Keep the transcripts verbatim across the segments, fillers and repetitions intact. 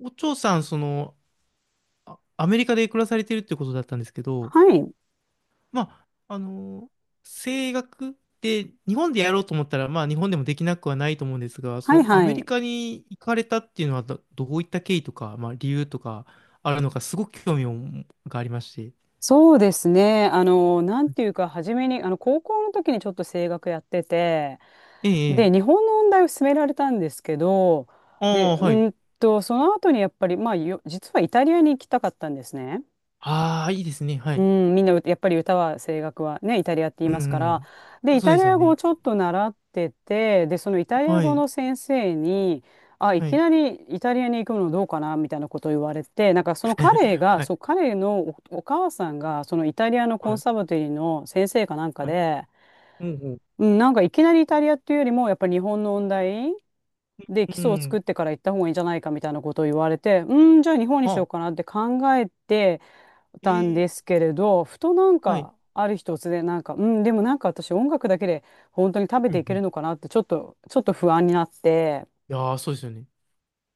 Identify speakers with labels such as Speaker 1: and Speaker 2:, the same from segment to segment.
Speaker 1: お嬢さん、その、あアメリカで暮らされてるってことだったんですけど、
Speaker 2: はい。
Speaker 1: まあ、あの、声楽って日本でやろうと思ったら、まあ、日本でもできなくはないと思うんですが、そ
Speaker 2: はい
Speaker 1: のア
Speaker 2: は
Speaker 1: メリ
Speaker 2: い。
Speaker 1: カに行かれたっていうのはど、どういった経緯とか、まあ、理由とかあるのか、すごく興味をがありまして。
Speaker 2: そうですね。あの、なんていうか、初めに、あの、高校の時にちょっと声楽やってて、
Speaker 1: ええ、え
Speaker 2: で、
Speaker 1: え。
Speaker 2: 日本の音大を勧められたんですけど、
Speaker 1: あ
Speaker 2: で、
Speaker 1: あ、はい。
Speaker 2: うんと、その後にやっぱり、まあ、よ実はイタリアに行きたかったんですね。
Speaker 1: ああ、いいですね。は
Speaker 2: う
Speaker 1: い。
Speaker 2: ん、みんなうやっぱり歌は声楽はねイタリアって言い
Speaker 1: うん、
Speaker 2: ますから、
Speaker 1: う
Speaker 2: で
Speaker 1: ん。
Speaker 2: イ
Speaker 1: そう
Speaker 2: タ
Speaker 1: で
Speaker 2: リ
Speaker 1: すよ
Speaker 2: ア語を
Speaker 1: ね。
Speaker 2: ちょっと習ってて、でそのイタリア
Speaker 1: は
Speaker 2: 語
Speaker 1: い。
Speaker 2: の先生に「あ、い
Speaker 1: は
Speaker 2: き
Speaker 1: い。
Speaker 2: なりイタリアに行くのどうかな」みたいなことを言われて、なんかその彼 が
Speaker 1: はい。
Speaker 2: そう彼のお、お母さんがそのイタリアのコ
Speaker 1: は
Speaker 2: ンサ
Speaker 1: い。
Speaker 2: バテリーの先生かなんか
Speaker 1: はい。
Speaker 2: で、
Speaker 1: ほうほう。
Speaker 2: うん、なんかいきなりイタリアっていうよりもやっぱり日本の音大で基
Speaker 1: う
Speaker 2: 礎を
Speaker 1: ん。
Speaker 2: 作ってから行った方がいいんじゃないかみたいなことを言われて、うんじゃあ日本にしよ
Speaker 1: あ、
Speaker 2: うかなって考えて、たん
Speaker 1: ええ、
Speaker 2: ですけれど、ふとなん
Speaker 1: はい。
Speaker 2: か、ある日突然なんか、うん、でもなんか私音楽だけで本当に食べ
Speaker 1: う
Speaker 2: てい
Speaker 1: んう
Speaker 2: け
Speaker 1: ん、
Speaker 2: るのかなって、ちょっと、ちょっと不安になって、
Speaker 1: いやー、そうですよね。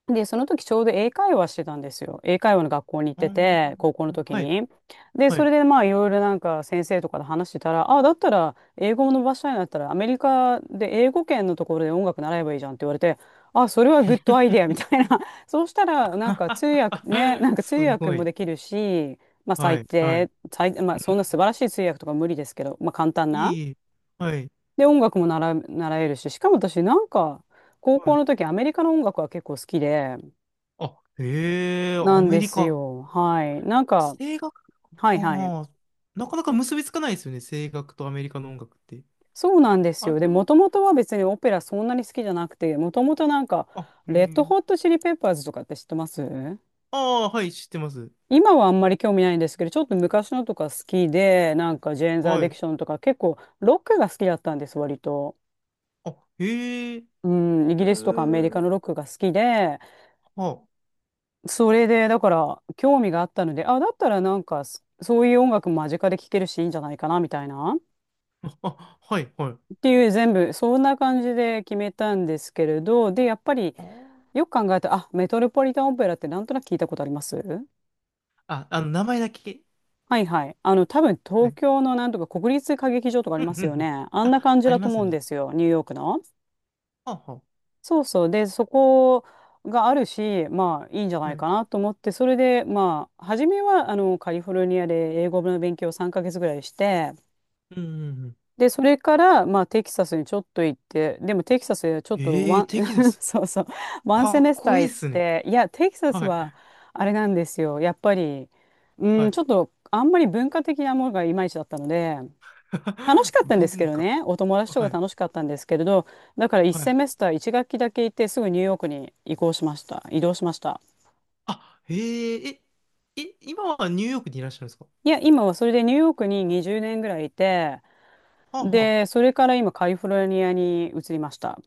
Speaker 2: で、その時ちょうど英会話してたんですよ。英会話の学校に行っ
Speaker 1: う
Speaker 2: て
Speaker 1: ん。
Speaker 2: て、高校の時
Speaker 1: はい、
Speaker 2: に。で、
Speaker 1: は
Speaker 2: それ
Speaker 1: い。
Speaker 2: でまあいろいろなんか先生とかで話してたら、あ、だったら英語を伸ばしたいんだったらアメリカで英語圏のところで音楽習えばいいじゃんって言われて、あ、それはグッドアイデアみたいな。そうしたらなんか通訳ね、なんか
Speaker 1: す
Speaker 2: 通訳
Speaker 1: ご
Speaker 2: も
Speaker 1: い。
Speaker 2: できるし、まあ
Speaker 1: は
Speaker 2: 最
Speaker 1: い、はい。う
Speaker 2: 低、最、まあそんな素晴
Speaker 1: ん、
Speaker 2: らしい通訳とか無理ですけど、まあ簡単
Speaker 1: い
Speaker 2: な。
Speaker 1: い、いいはい、
Speaker 2: で、音楽も習う、習えるし、しかも私なんか高
Speaker 1: は
Speaker 2: 校
Speaker 1: い。
Speaker 2: の時アメリカの音楽は結構好きで、
Speaker 1: あ、へえ、
Speaker 2: な
Speaker 1: ア
Speaker 2: ん
Speaker 1: メ
Speaker 2: で
Speaker 1: リ
Speaker 2: す
Speaker 1: カ。
Speaker 2: よ。はい。なんか、
Speaker 1: 声楽、
Speaker 2: はいはい。
Speaker 1: ああ、なかなか結びつかないですよね。声楽とアメリカの音楽って。
Speaker 2: そうなんです
Speaker 1: あ
Speaker 2: よ。で、
Speaker 1: れ
Speaker 2: も
Speaker 1: も、
Speaker 2: ともとは別にオペラそんなに好きじゃなくて、もともとなんか、
Speaker 1: あ、へ
Speaker 2: レッドホッ
Speaker 1: え。
Speaker 2: トチリペッパーズとかって知ってます？
Speaker 1: ああ、はい、知ってます。
Speaker 2: 今はあんまり興味ないんですけど、ちょっと昔のとか好きで、なんかジェーンズ・ア
Speaker 1: は
Speaker 2: ディク
Speaker 1: い。
Speaker 2: ションとか結構ロックが好きだったんです、割と。
Speaker 1: あ、へえ、へ
Speaker 2: うん、イ
Speaker 1: え、
Speaker 2: ギリスとかアメリカのロックが好きで、
Speaker 1: は
Speaker 2: それでだから興味があったので、あ、だったらなんかそそういう音楽間近で聴けるしいいんじゃないかなみたいな。
Speaker 1: あ、あ、はい、はい。
Speaker 2: っていう全部そんな感じで決めたんですけれど、で、やっぱり
Speaker 1: あー、
Speaker 2: よく考えたら、あ、メトロポリタンオペラってなんとなく聞いたことあります？
Speaker 1: あ、あの、名前だけ。
Speaker 2: はいはい。あの、多分
Speaker 1: は
Speaker 2: 東
Speaker 1: い。
Speaker 2: 京のなんとか国立歌劇場とかあ
Speaker 1: う
Speaker 2: り
Speaker 1: ん、
Speaker 2: ま
Speaker 1: う
Speaker 2: す
Speaker 1: ん、う
Speaker 2: よ
Speaker 1: ん。
Speaker 2: ね。あんな感
Speaker 1: あ、
Speaker 2: じ
Speaker 1: あ
Speaker 2: だ
Speaker 1: り
Speaker 2: と
Speaker 1: ます
Speaker 2: 思うん
Speaker 1: ね。
Speaker 2: ですよ、ニューヨークの。
Speaker 1: はあは
Speaker 2: そうそう。で、そこがあるし、まあいいんじゃない
Speaker 1: はい。
Speaker 2: かなと思って、それでまあ、初めはあのカリフォルニアで英語の勉強をさんかげつぐらいして、
Speaker 1: うんうんうん。
Speaker 2: で、それから、まあ、テキサスにちょっと行って、でもテキサスはちょっと
Speaker 1: ええ
Speaker 2: ワ
Speaker 1: ー、テキサ
Speaker 2: ン、
Speaker 1: ス。
Speaker 2: そうそう、ワンセ
Speaker 1: かっ
Speaker 2: メスタ
Speaker 1: こ
Speaker 2: ー
Speaker 1: いいっ
Speaker 2: 行っ
Speaker 1: すね。
Speaker 2: て、いや、テキサス
Speaker 1: はい。
Speaker 2: はあれなんですよ。やっぱり、う
Speaker 1: は
Speaker 2: ん、ち
Speaker 1: い。
Speaker 2: ょっとあんまり文化的なものがいまいちだったので、楽し かったんですけ
Speaker 1: 文
Speaker 2: ど
Speaker 1: 化。
Speaker 2: ね、お友達と
Speaker 1: は
Speaker 2: か
Speaker 1: い。
Speaker 2: 楽しかったんですけれど、だからワン
Speaker 1: は
Speaker 2: セ
Speaker 1: い。
Speaker 2: メスターいち学期だけ行って、すぐニューヨークに移行しました。移動しました。
Speaker 1: あ、えええ、え、今はニューヨークにいらっしゃるんですか？
Speaker 2: いや、今はそれでニューヨークににじゅうねんぐらいいて、
Speaker 1: はあは
Speaker 2: で、それから今カリフォルニアに移りました。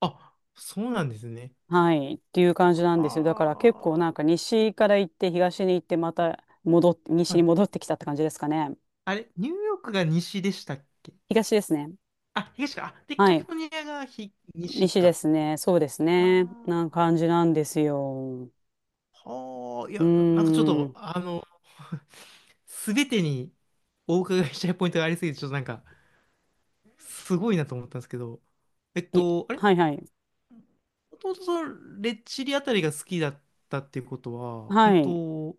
Speaker 1: あ。あ、そうなんですね。
Speaker 2: はい。っていう感じなんですよ。だから結構なん
Speaker 1: は
Speaker 2: か西から行って東に行ってまた戻っ、西
Speaker 1: あ。は
Speaker 2: に
Speaker 1: い。
Speaker 2: 戻ってきたって感じですかね。
Speaker 1: あれ、ニューヨークが西でしたっけ？
Speaker 2: 東ですね。
Speaker 1: あ、東か。あ、で、
Speaker 2: は
Speaker 1: カリフ
Speaker 2: い。
Speaker 1: ォルニアがひ、西
Speaker 2: 西で
Speaker 1: か。
Speaker 2: すね。そうです
Speaker 1: あ
Speaker 2: ね。な感じなんですよ。
Speaker 1: あ。はあ。い
Speaker 2: う
Speaker 1: や、いや、なんかちょっ
Speaker 2: ー
Speaker 1: と、
Speaker 2: ん。
Speaker 1: あの、すべてにお伺いしたいポイントがありすぎて、ちょっとなんか、すごいなと思ったんですけど、えっ
Speaker 2: い、
Speaker 1: と、あれ、
Speaker 2: はいはい。
Speaker 1: もともとそのレッチリあたりが好きだったっていうことは、うん
Speaker 2: はい。
Speaker 1: と、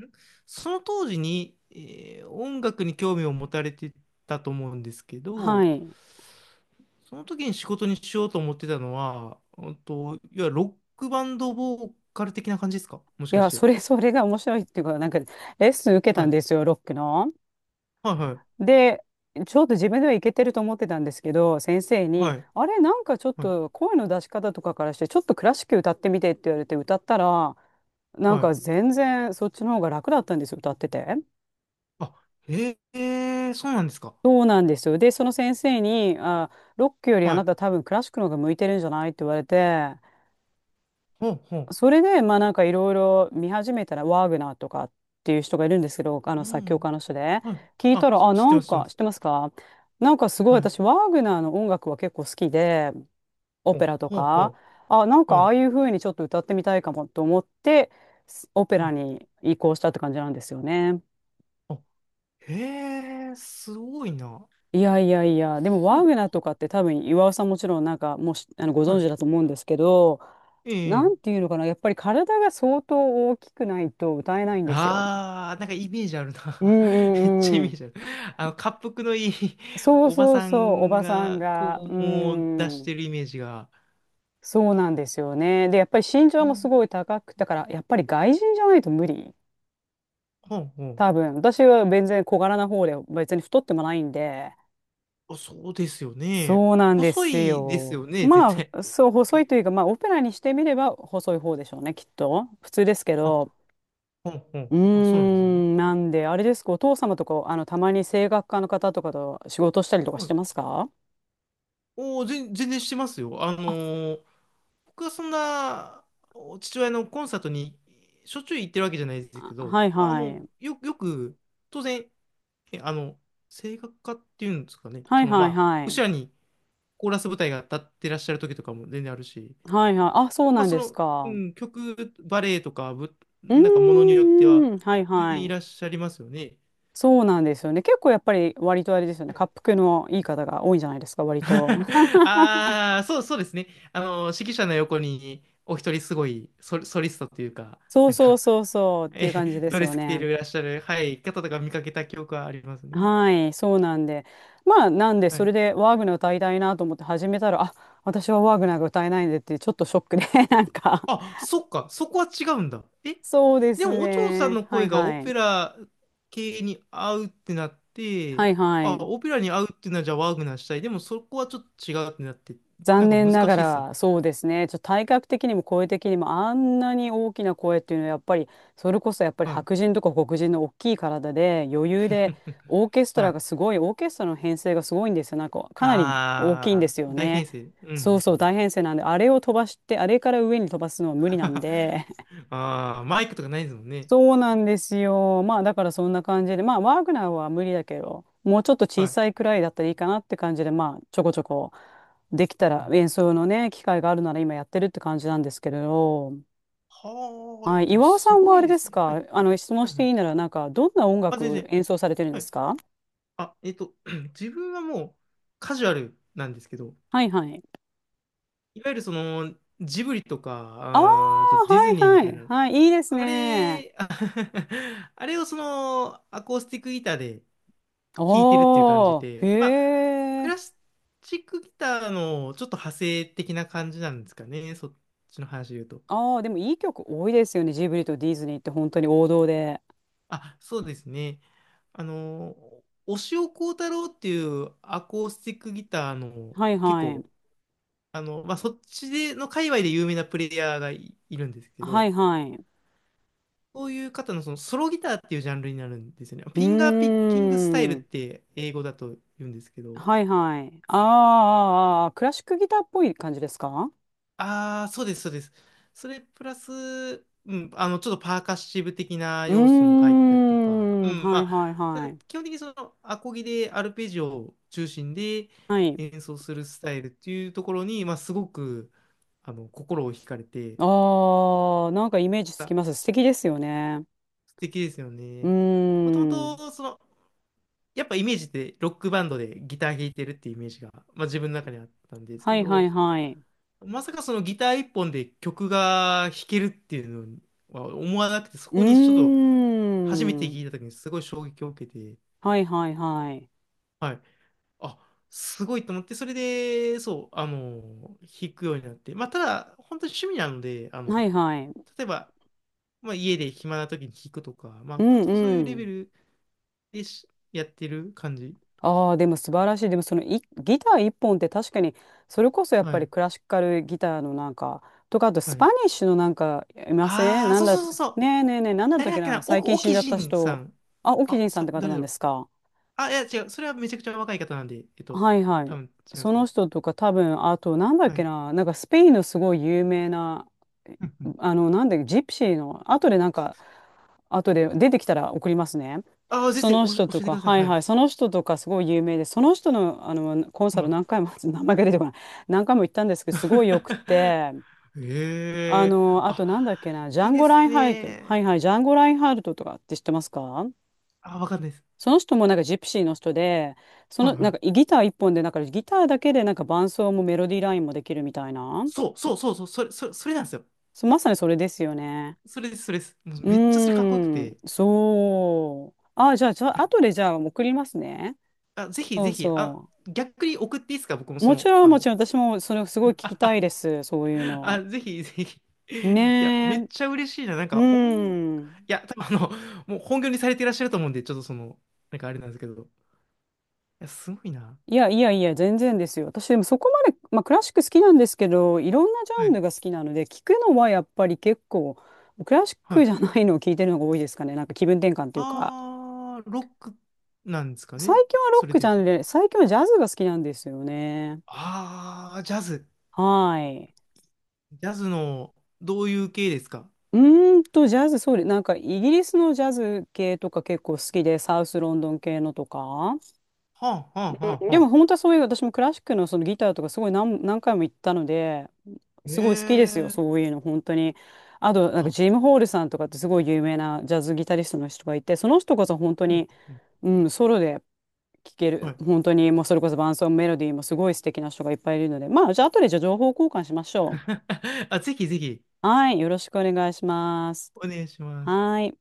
Speaker 1: んその当時に、えー音楽に興味を持たれてたと思うんですけ
Speaker 2: は
Speaker 1: ど、
Speaker 2: い。
Speaker 1: その時に仕事にしようと思ってたのは、うんと、いわゆるロックバンドボーカル的な感じですか、もし
Speaker 2: い
Speaker 1: か
Speaker 2: や、
Speaker 1: し
Speaker 2: それ、
Speaker 1: て？
Speaker 2: それが面白いっていうか、なんかレッスン受けた
Speaker 1: は
Speaker 2: んで
Speaker 1: い。
Speaker 2: すよ、ロックの。
Speaker 1: はいはい。
Speaker 2: で、ちょっと自分ではいけてると思ってたんですけど、先生に、
Speaker 1: はい。
Speaker 2: あれ、なんかちょっ
Speaker 1: はい。
Speaker 2: と声の出し方とかからして、ちょっとクラシック歌ってみてって言われて歌ったら、なん
Speaker 1: はい。
Speaker 2: か全然そっちの方が楽だったんですよ、歌ってて。
Speaker 1: あ、へえ、そうなんですか。
Speaker 2: そうなんですよ。で、その先生に、あ、ロックよりあ
Speaker 1: は
Speaker 2: な
Speaker 1: い。
Speaker 2: た多分クラシックの方が向いてるんじゃないって言われて、
Speaker 1: ほうほ
Speaker 2: それで、まあなんかいろいろ見始めたら、ワーグナーとかっていう人がいるんですけど、あの
Speaker 1: う。う
Speaker 2: 作曲
Speaker 1: ん。
Speaker 2: 家の人で、
Speaker 1: はい。
Speaker 2: 聞いた
Speaker 1: あ、
Speaker 2: ら、
Speaker 1: し、
Speaker 2: あ、
Speaker 1: 知っ
Speaker 2: な
Speaker 1: てま
Speaker 2: ん
Speaker 1: す、知ってま
Speaker 2: か知っ
Speaker 1: す。
Speaker 2: てますか？なんかすごい
Speaker 1: はい。
Speaker 2: 私、ワーグナーの音楽は結構好きで、オペ
Speaker 1: お、
Speaker 2: ラと
Speaker 1: ほう
Speaker 2: か、
Speaker 1: ほ
Speaker 2: あ、なん
Speaker 1: う。
Speaker 2: か
Speaker 1: は
Speaker 2: あ
Speaker 1: い。
Speaker 2: あいう風にちょっと歌ってみたいかもと思って、すオペ
Speaker 1: う
Speaker 2: ラ
Speaker 1: ん。
Speaker 2: に移行したって感じなんですよね。
Speaker 1: あ、へえ、すごいな。
Speaker 2: いやいやいや、でもワ
Speaker 1: そ
Speaker 2: ー
Speaker 1: う
Speaker 2: グナーと
Speaker 1: か。
Speaker 2: かって多分岩尾さんもちろんなんかもうしあのご
Speaker 1: は
Speaker 2: 存
Speaker 1: い。
Speaker 2: 知だと思うんですけど、
Speaker 1: え
Speaker 2: な
Speaker 1: え。
Speaker 2: んていうのかな、やっぱり体が相当大きくないと歌えないんですよ。
Speaker 1: ああ、なんかイメージある
Speaker 2: う
Speaker 1: な。
Speaker 2: ん
Speaker 1: めっちゃイ
Speaker 2: うんう
Speaker 1: メー
Speaker 2: ん。
Speaker 1: ジある。あの、恰幅のいい
Speaker 2: そう
Speaker 1: おば
Speaker 2: そう
Speaker 1: さ
Speaker 2: そう、お
Speaker 1: ん
Speaker 2: ばさん
Speaker 1: が、こ
Speaker 2: が。う
Speaker 1: う、もう出し
Speaker 2: ん。
Speaker 1: てるイメージが。
Speaker 2: そうなんですよね。で、やっぱり身
Speaker 1: あ
Speaker 2: 長もす
Speaker 1: ー、
Speaker 2: ごい高く、だからやっぱり外人じゃないと無理。
Speaker 1: ほうほう。
Speaker 2: 多分。私は全然小柄な方で、別に太ってもないんで。
Speaker 1: あ、そうですよね。
Speaker 2: そうなんで
Speaker 1: 細
Speaker 2: す
Speaker 1: いですよ
Speaker 2: よ。
Speaker 1: ね、絶
Speaker 2: ま
Speaker 1: 対。
Speaker 2: あ、そう、細いというか、まあ、オペラにしてみれば細い方でしょうね、きっと。普通ですけ
Speaker 1: あ、
Speaker 2: ど。
Speaker 1: ほうほう。
Speaker 2: うー
Speaker 1: あ、そうなんですね。
Speaker 2: ん、なんで、あれですか、お父様とか、あの、たまに声楽家の方とかと仕事したりとか
Speaker 1: は
Speaker 2: して
Speaker 1: い。
Speaker 2: ますか？
Speaker 1: おお、全全然してますよ。あの
Speaker 2: あ、
Speaker 1: ー僕はそんな父親のコンサートにしょっちゅう行ってるわけじゃないです
Speaker 2: あ
Speaker 1: けど、
Speaker 2: はい
Speaker 1: あ
Speaker 2: は
Speaker 1: の、
Speaker 2: い。
Speaker 1: よ、よく、当然、えあの、声楽家っていうんですかね、
Speaker 2: はい
Speaker 1: その、ま
Speaker 2: はい
Speaker 1: あ、
Speaker 2: はい。
Speaker 1: 後ろにコーラス部隊が立ってらっしゃる時とかも全然あるし、
Speaker 2: はいはい。あ、そう
Speaker 1: まあ、
Speaker 2: なん
Speaker 1: そ
Speaker 2: です
Speaker 1: の、う
Speaker 2: か。
Speaker 1: ん、曲、バレエとか、ぶ、
Speaker 2: う
Speaker 1: なんかものによっては、
Speaker 2: ーん。はい
Speaker 1: 全
Speaker 2: は
Speaker 1: 然い
Speaker 2: い。
Speaker 1: らっしゃいますよね。
Speaker 2: そうなんですよね。結構やっぱり割とあれですよね。
Speaker 1: はい。
Speaker 2: 恰幅のいい方が多いんじゃないですか、割と。
Speaker 1: ああ、そう、そうですね。あの、指揮者の横に、お一人すごいソ、ソリストというか、
Speaker 2: そう
Speaker 1: なん
Speaker 2: そう
Speaker 1: か、
Speaker 2: そうそうってい
Speaker 1: え、
Speaker 2: う感じ で
Speaker 1: ド
Speaker 2: す
Speaker 1: レ
Speaker 2: よ
Speaker 1: ス着てい
Speaker 2: ね。
Speaker 1: らっしゃる、はい、方とか見かけた記憶はありますね。
Speaker 2: はい、そうなんで。まあ、なんで、
Speaker 1: は
Speaker 2: そ
Speaker 1: い。
Speaker 2: れでワーグナー歌いたいなと思って始めたら、あ、私はワーグナーが歌えないんでって、ちょっとショックで、なんか。
Speaker 1: あ、そっか、そこは違うんだ。え、
Speaker 2: そうで
Speaker 1: で
Speaker 2: す
Speaker 1: も、お嬢さん
Speaker 2: ね。
Speaker 1: の
Speaker 2: はい
Speaker 1: 声がオ
Speaker 2: は
Speaker 1: ペ
Speaker 2: い。
Speaker 1: ラ系に合うってなっ
Speaker 2: は
Speaker 1: て、
Speaker 2: いは
Speaker 1: あ、
Speaker 2: い。
Speaker 1: オペラに合うっていうのは、じゃあワーグナーしたい。でも、そこはちょっと違うってなって、な
Speaker 2: 残
Speaker 1: んか
Speaker 2: 念
Speaker 1: 難
Speaker 2: なが
Speaker 1: しいっすね。
Speaker 2: ら、そうですね。ちょっと体格的にも声的にもあんなに大きな声っていうのはやっぱり、それこそやっぱり
Speaker 1: はい。
Speaker 2: 白人とか黒人の大きい体で余裕で、オーケスト
Speaker 1: は
Speaker 2: ラ
Speaker 1: い。
Speaker 2: がすごい、オーケストラの編成がすごいんですよ。なんかかなり大きいんで
Speaker 1: あ
Speaker 2: すよ
Speaker 1: ー、大
Speaker 2: ね。
Speaker 1: 編成。う
Speaker 2: そう
Speaker 1: ん。
Speaker 2: そう、大編成なんで、あれを飛ばして、あれから上に飛ばすのは無理なん で、
Speaker 1: あー、マイクとかないですもんね。
Speaker 2: そうなんですよ。まあだからそんな感じで、まあワーグナーは無理だけど、もうちょっと小
Speaker 1: はい。
Speaker 2: さいくらいだったらいいかなって感じで、まあちょこちょこできた
Speaker 1: は
Speaker 2: ら
Speaker 1: あ、
Speaker 2: 演奏のね、機会があるなら今やってるって感じなんですけれど、
Speaker 1: はあ、い
Speaker 2: は
Speaker 1: や、
Speaker 2: い、
Speaker 1: でも
Speaker 2: 岩尾さ
Speaker 1: す
Speaker 2: ん
Speaker 1: ご
Speaker 2: はあ
Speaker 1: い
Speaker 2: れ
Speaker 1: で
Speaker 2: で
Speaker 1: す
Speaker 2: す
Speaker 1: ね。は
Speaker 2: か、
Speaker 1: い。
Speaker 2: あの質問
Speaker 1: は
Speaker 2: し
Speaker 1: いは
Speaker 2: て
Speaker 1: い、
Speaker 2: いいならなんかどんな音
Speaker 1: あ、全
Speaker 2: 楽
Speaker 1: 然。
Speaker 2: 演奏されてるん
Speaker 1: は
Speaker 2: で
Speaker 1: い、
Speaker 2: すか？
Speaker 1: あ、えっと、自分はもうカジュアルなんですけど、
Speaker 2: はいはい。
Speaker 1: いわゆるそのジブリとか、
Speaker 2: ああ、
Speaker 1: あー、あとディ
Speaker 2: は
Speaker 1: ズ
Speaker 2: い
Speaker 1: ニーみた
Speaker 2: は
Speaker 1: い
Speaker 2: い。
Speaker 1: な、
Speaker 2: はい、いいです
Speaker 1: あ
Speaker 2: ね。
Speaker 1: れ、あ、 あれをそのアコースティックギターで弾いてるっていう感じ
Speaker 2: おー、へ
Speaker 1: で、まあ、ク
Speaker 2: え。
Speaker 1: ラシックギターのちょっと派生的な感じなんですかね、そっちの話で言うと。
Speaker 2: ああ、でもいい曲多いですよね。ジブリとディズニーって本当に王道で。
Speaker 1: あ、そうですね。あの、押尾コ太郎っていうアコースティックギターの
Speaker 2: はい
Speaker 1: 結
Speaker 2: はい。
Speaker 1: 構あの、まあ、そっちでの界隈で有名なプレイヤーがい、いるんですけ
Speaker 2: は
Speaker 1: ど、
Speaker 2: いはい。
Speaker 1: そういう方のそのソロギターっていうジャンルになるんですよね。フ
Speaker 2: う
Speaker 1: ィンガーピッ
Speaker 2: ー
Speaker 1: キングスタイルっ
Speaker 2: ん。
Speaker 1: て英語だと言うんですけど、
Speaker 2: はいはい。あーあー、あークラシックギターっぽい感じですか？
Speaker 1: ああ、そうです、そうです。それプラス、うん、あの、ちょっとパーカッシブ的な
Speaker 2: うー
Speaker 1: 要素も入ったりとか、う
Speaker 2: ん。
Speaker 1: ん、
Speaker 2: はい
Speaker 1: ま
Speaker 2: はい
Speaker 1: あ、た
Speaker 2: は
Speaker 1: だ
Speaker 2: い。
Speaker 1: 基本的にそのアコギでアルペジオを中心で
Speaker 2: はい。
Speaker 1: 演奏するスタイルっていうところに、まあ、すごくあの心を惹かれて、
Speaker 2: ああ、なんかイメージつ
Speaker 1: あ、
Speaker 2: きます。素敵ですよね。
Speaker 1: 素敵ですよ
Speaker 2: う
Speaker 1: ね。もとも
Speaker 2: ーん。
Speaker 1: と、その、やっぱイメージってロックバンドでギター弾いてるっていうイメージが、まあ、自分の中にあったんですけ
Speaker 2: はいは
Speaker 1: ど、
Speaker 2: いはい。
Speaker 1: まさかそのギター一本で曲が弾けるっていうのは思わなくて、そ
Speaker 2: うー
Speaker 1: こにちょっと初めて聞
Speaker 2: ん。
Speaker 1: いた時にすごい衝撃を受けて、
Speaker 2: はいはいはい。
Speaker 1: はい。あ、すごいと思って、それで、そう、あの、弾くようになって、まあ、ただ、本当に趣味なので、あの、
Speaker 2: はいはい。
Speaker 1: 例えば、まあ、家で暇な時に弾くとか、まあ、
Speaker 2: う
Speaker 1: 本
Speaker 2: ん
Speaker 1: 当そういう
Speaker 2: う
Speaker 1: レベ
Speaker 2: ん。
Speaker 1: ルでしやってる感じ。
Speaker 2: ああ、でも素晴らしい。でもそのいギター一本って確かに、それこそやっ
Speaker 1: は
Speaker 2: ぱり
Speaker 1: い
Speaker 2: クラシカルギターのなんか、とか、あと
Speaker 1: は
Speaker 2: スパ
Speaker 1: い。
Speaker 2: ニッシュのなんか、いません
Speaker 1: ああ、
Speaker 2: なん
Speaker 1: そう
Speaker 2: だ、
Speaker 1: そう
Speaker 2: ね
Speaker 1: そうそう。
Speaker 2: えねえねえ、なんだった
Speaker 1: 誰
Speaker 2: っ
Speaker 1: だ
Speaker 2: け
Speaker 1: っけ
Speaker 2: な、
Speaker 1: な、
Speaker 2: 最
Speaker 1: お、
Speaker 2: 近死ん
Speaker 1: 沖
Speaker 2: じゃった
Speaker 1: 仁さ
Speaker 2: 人。
Speaker 1: ん。
Speaker 2: あ、オキジ
Speaker 1: あ、
Speaker 2: ンさんっ
Speaker 1: さ、
Speaker 2: て方
Speaker 1: 誰
Speaker 2: なん
Speaker 1: だろ
Speaker 2: で
Speaker 1: う。
Speaker 2: すか？
Speaker 1: あ、いや、違う。それはめちゃくちゃ若い方なんで、えっと、
Speaker 2: はいは
Speaker 1: 多
Speaker 2: い。
Speaker 1: 分違うんで
Speaker 2: そ
Speaker 1: すけ
Speaker 2: の
Speaker 1: ど。
Speaker 2: 人とか多分、あと、なんだっ
Speaker 1: は
Speaker 2: け
Speaker 1: い。
Speaker 2: な、なんかスペインのすごい有名な、
Speaker 1: うんうん、
Speaker 2: あの、なんで、ジプシーの、後でなんか、後で出てきたら送りますね。
Speaker 1: ああ、ぜ
Speaker 2: そ
Speaker 1: ひ、
Speaker 2: の
Speaker 1: おし、教
Speaker 2: 人と
Speaker 1: えてく
Speaker 2: か、
Speaker 1: ださい。
Speaker 2: はい
Speaker 1: は
Speaker 2: は
Speaker 1: い。
Speaker 2: い、その人とかすごい有名で、その人の、あのコンサル
Speaker 1: は
Speaker 2: 何回も、名前が出てこない、何回も行ったんですけど、すごいよくて、
Speaker 1: い。
Speaker 2: あ
Speaker 1: へえ。
Speaker 2: の、あとなんだっ
Speaker 1: あ、
Speaker 2: けな、ジャ
Speaker 1: いい
Speaker 2: ン
Speaker 1: で
Speaker 2: ゴ・ライ
Speaker 1: す
Speaker 2: ンハルト、はい
Speaker 1: ね。
Speaker 2: はい、ジャンゴ・ラインハルトとかって知ってますか？
Speaker 1: あ、わかんないです。
Speaker 2: その人もなんかジプシーの人で、そ
Speaker 1: はい
Speaker 2: の
Speaker 1: は
Speaker 2: なんか
Speaker 1: い。
Speaker 2: ギター一本で、なんかギターだけでなんか伴奏もメロディーラインもできるみたいな。
Speaker 1: そうそうそうそう、それ、それ、それなんですよ。
Speaker 2: そう、まさにそれですよね。
Speaker 1: それです、それです。もう
Speaker 2: う
Speaker 1: めっちゃそれかっこよく
Speaker 2: ー
Speaker 1: て。
Speaker 2: ん、
Speaker 1: い
Speaker 2: そう。あ、じゃあ、じゃあ、
Speaker 1: や、
Speaker 2: 後でじゃあ送りますね。
Speaker 1: あ、ぜひ
Speaker 2: そ
Speaker 1: ぜ
Speaker 2: う
Speaker 1: ひ、あ、
Speaker 2: そ
Speaker 1: 逆に送っていいですか？僕も
Speaker 2: う。
Speaker 1: そ
Speaker 2: もち
Speaker 1: の、
Speaker 2: ろん、
Speaker 1: あ
Speaker 2: もち
Speaker 1: の、
Speaker 2: ろん、私もそれすごい聞きたいです。そういう
Speaker 1: あ、
Speaker 2: の。
Speaker 1: ぜひぜひ。いや、め
Speaker 2: ね
Speaker 1: っ
Speaker 2: え。
Speaker 1: ちゃ嬉しいな。なん
Speaker 2: う
Speaker 1: か、音、い
Speaker 2: ん。
Speaker 1: や、多分あの、もう本業にされていらっしゃると思うんで、ちょっとその、なんかあれなんですけど。いや、すごいな。
Speaker 2: いやいやいや、全然ですよ。私でもそこまで、まあ、クラシック好きなんですけど、いろんなジ
Speaker 1: は
Speaker 2: ャン
Speaker 1: い。
Speaker 2: ルが好きなので、聞くのはやっぱり結構、クラシッ
Speaker 1: は
Speaker 2: ク
Speaker 1: い。
Speaker 2: じゃないのを聞いてるのが多いですかね。なんか気分転換というか。
Speaker 1: あー、ロックなんですか
Speaker 2: 最
Speaker 1: ね。
Speaker 2: 近はロ
Speaker 1: そ
Speaker 2: ッ
Speaker 1: れ
Speaker 2: ク
Speaker 1: で
Speaker 2: じ
Speaker 1: 言う
Speaker 2: ゃ
Speaker 1: と。
Speaker 2: んで、最近はジャズが好きなんですよね。
Speaker 1: あー、ジャズ。
Speaker 2: はい。
Speaker 1: ジャズの、どういう系ですか？
Speaker 2: うーんと、ジャズ、そうで、なんかイギリスのジャズ系とか結構好きで、サウスロンドン系のとか。
Speaker 1: はあ、はあ、は
Speaker 2: うん、
Speaker 1: あ、
Speaker 2: で
Speaker 1: は
Speaker 2: も
Speaker 1: あ。
Speaker 2: 本当はそういう、私もクラシックのそのギターとかすごい何、何回も行ったので、
Speaker 1: ええ
Speaker 2: すごい好きですよ、
Speaker 1: ー。
Speaker 2: そういうの、本当に。あと、なんか
Speaker 1: あ、
Speaker 2: ジム・ホールさんとかってすごい有名なジャズギタリストの人がいて、その人こそ本当
Speaker 1: うん、
Speaker 2: に、
Speaker 1: うん。
Speaker 2: うん、ソロで聴け
Speaker 1: は
Speaker 2: る、
Speaker 1: い。
Speaker 2: 本当に、もうそれこそ伴奏もメロディーもすごい素敵な人がいっぱいいるので、まあ、じゃあ、後でじゃあ情報交換しましょ
Speaker 1: あ、ぜひぜひ、
Speaker 2: う。はい、よろしくお願いします。
Speaker 1: お願いします。
Speaker 2: はい。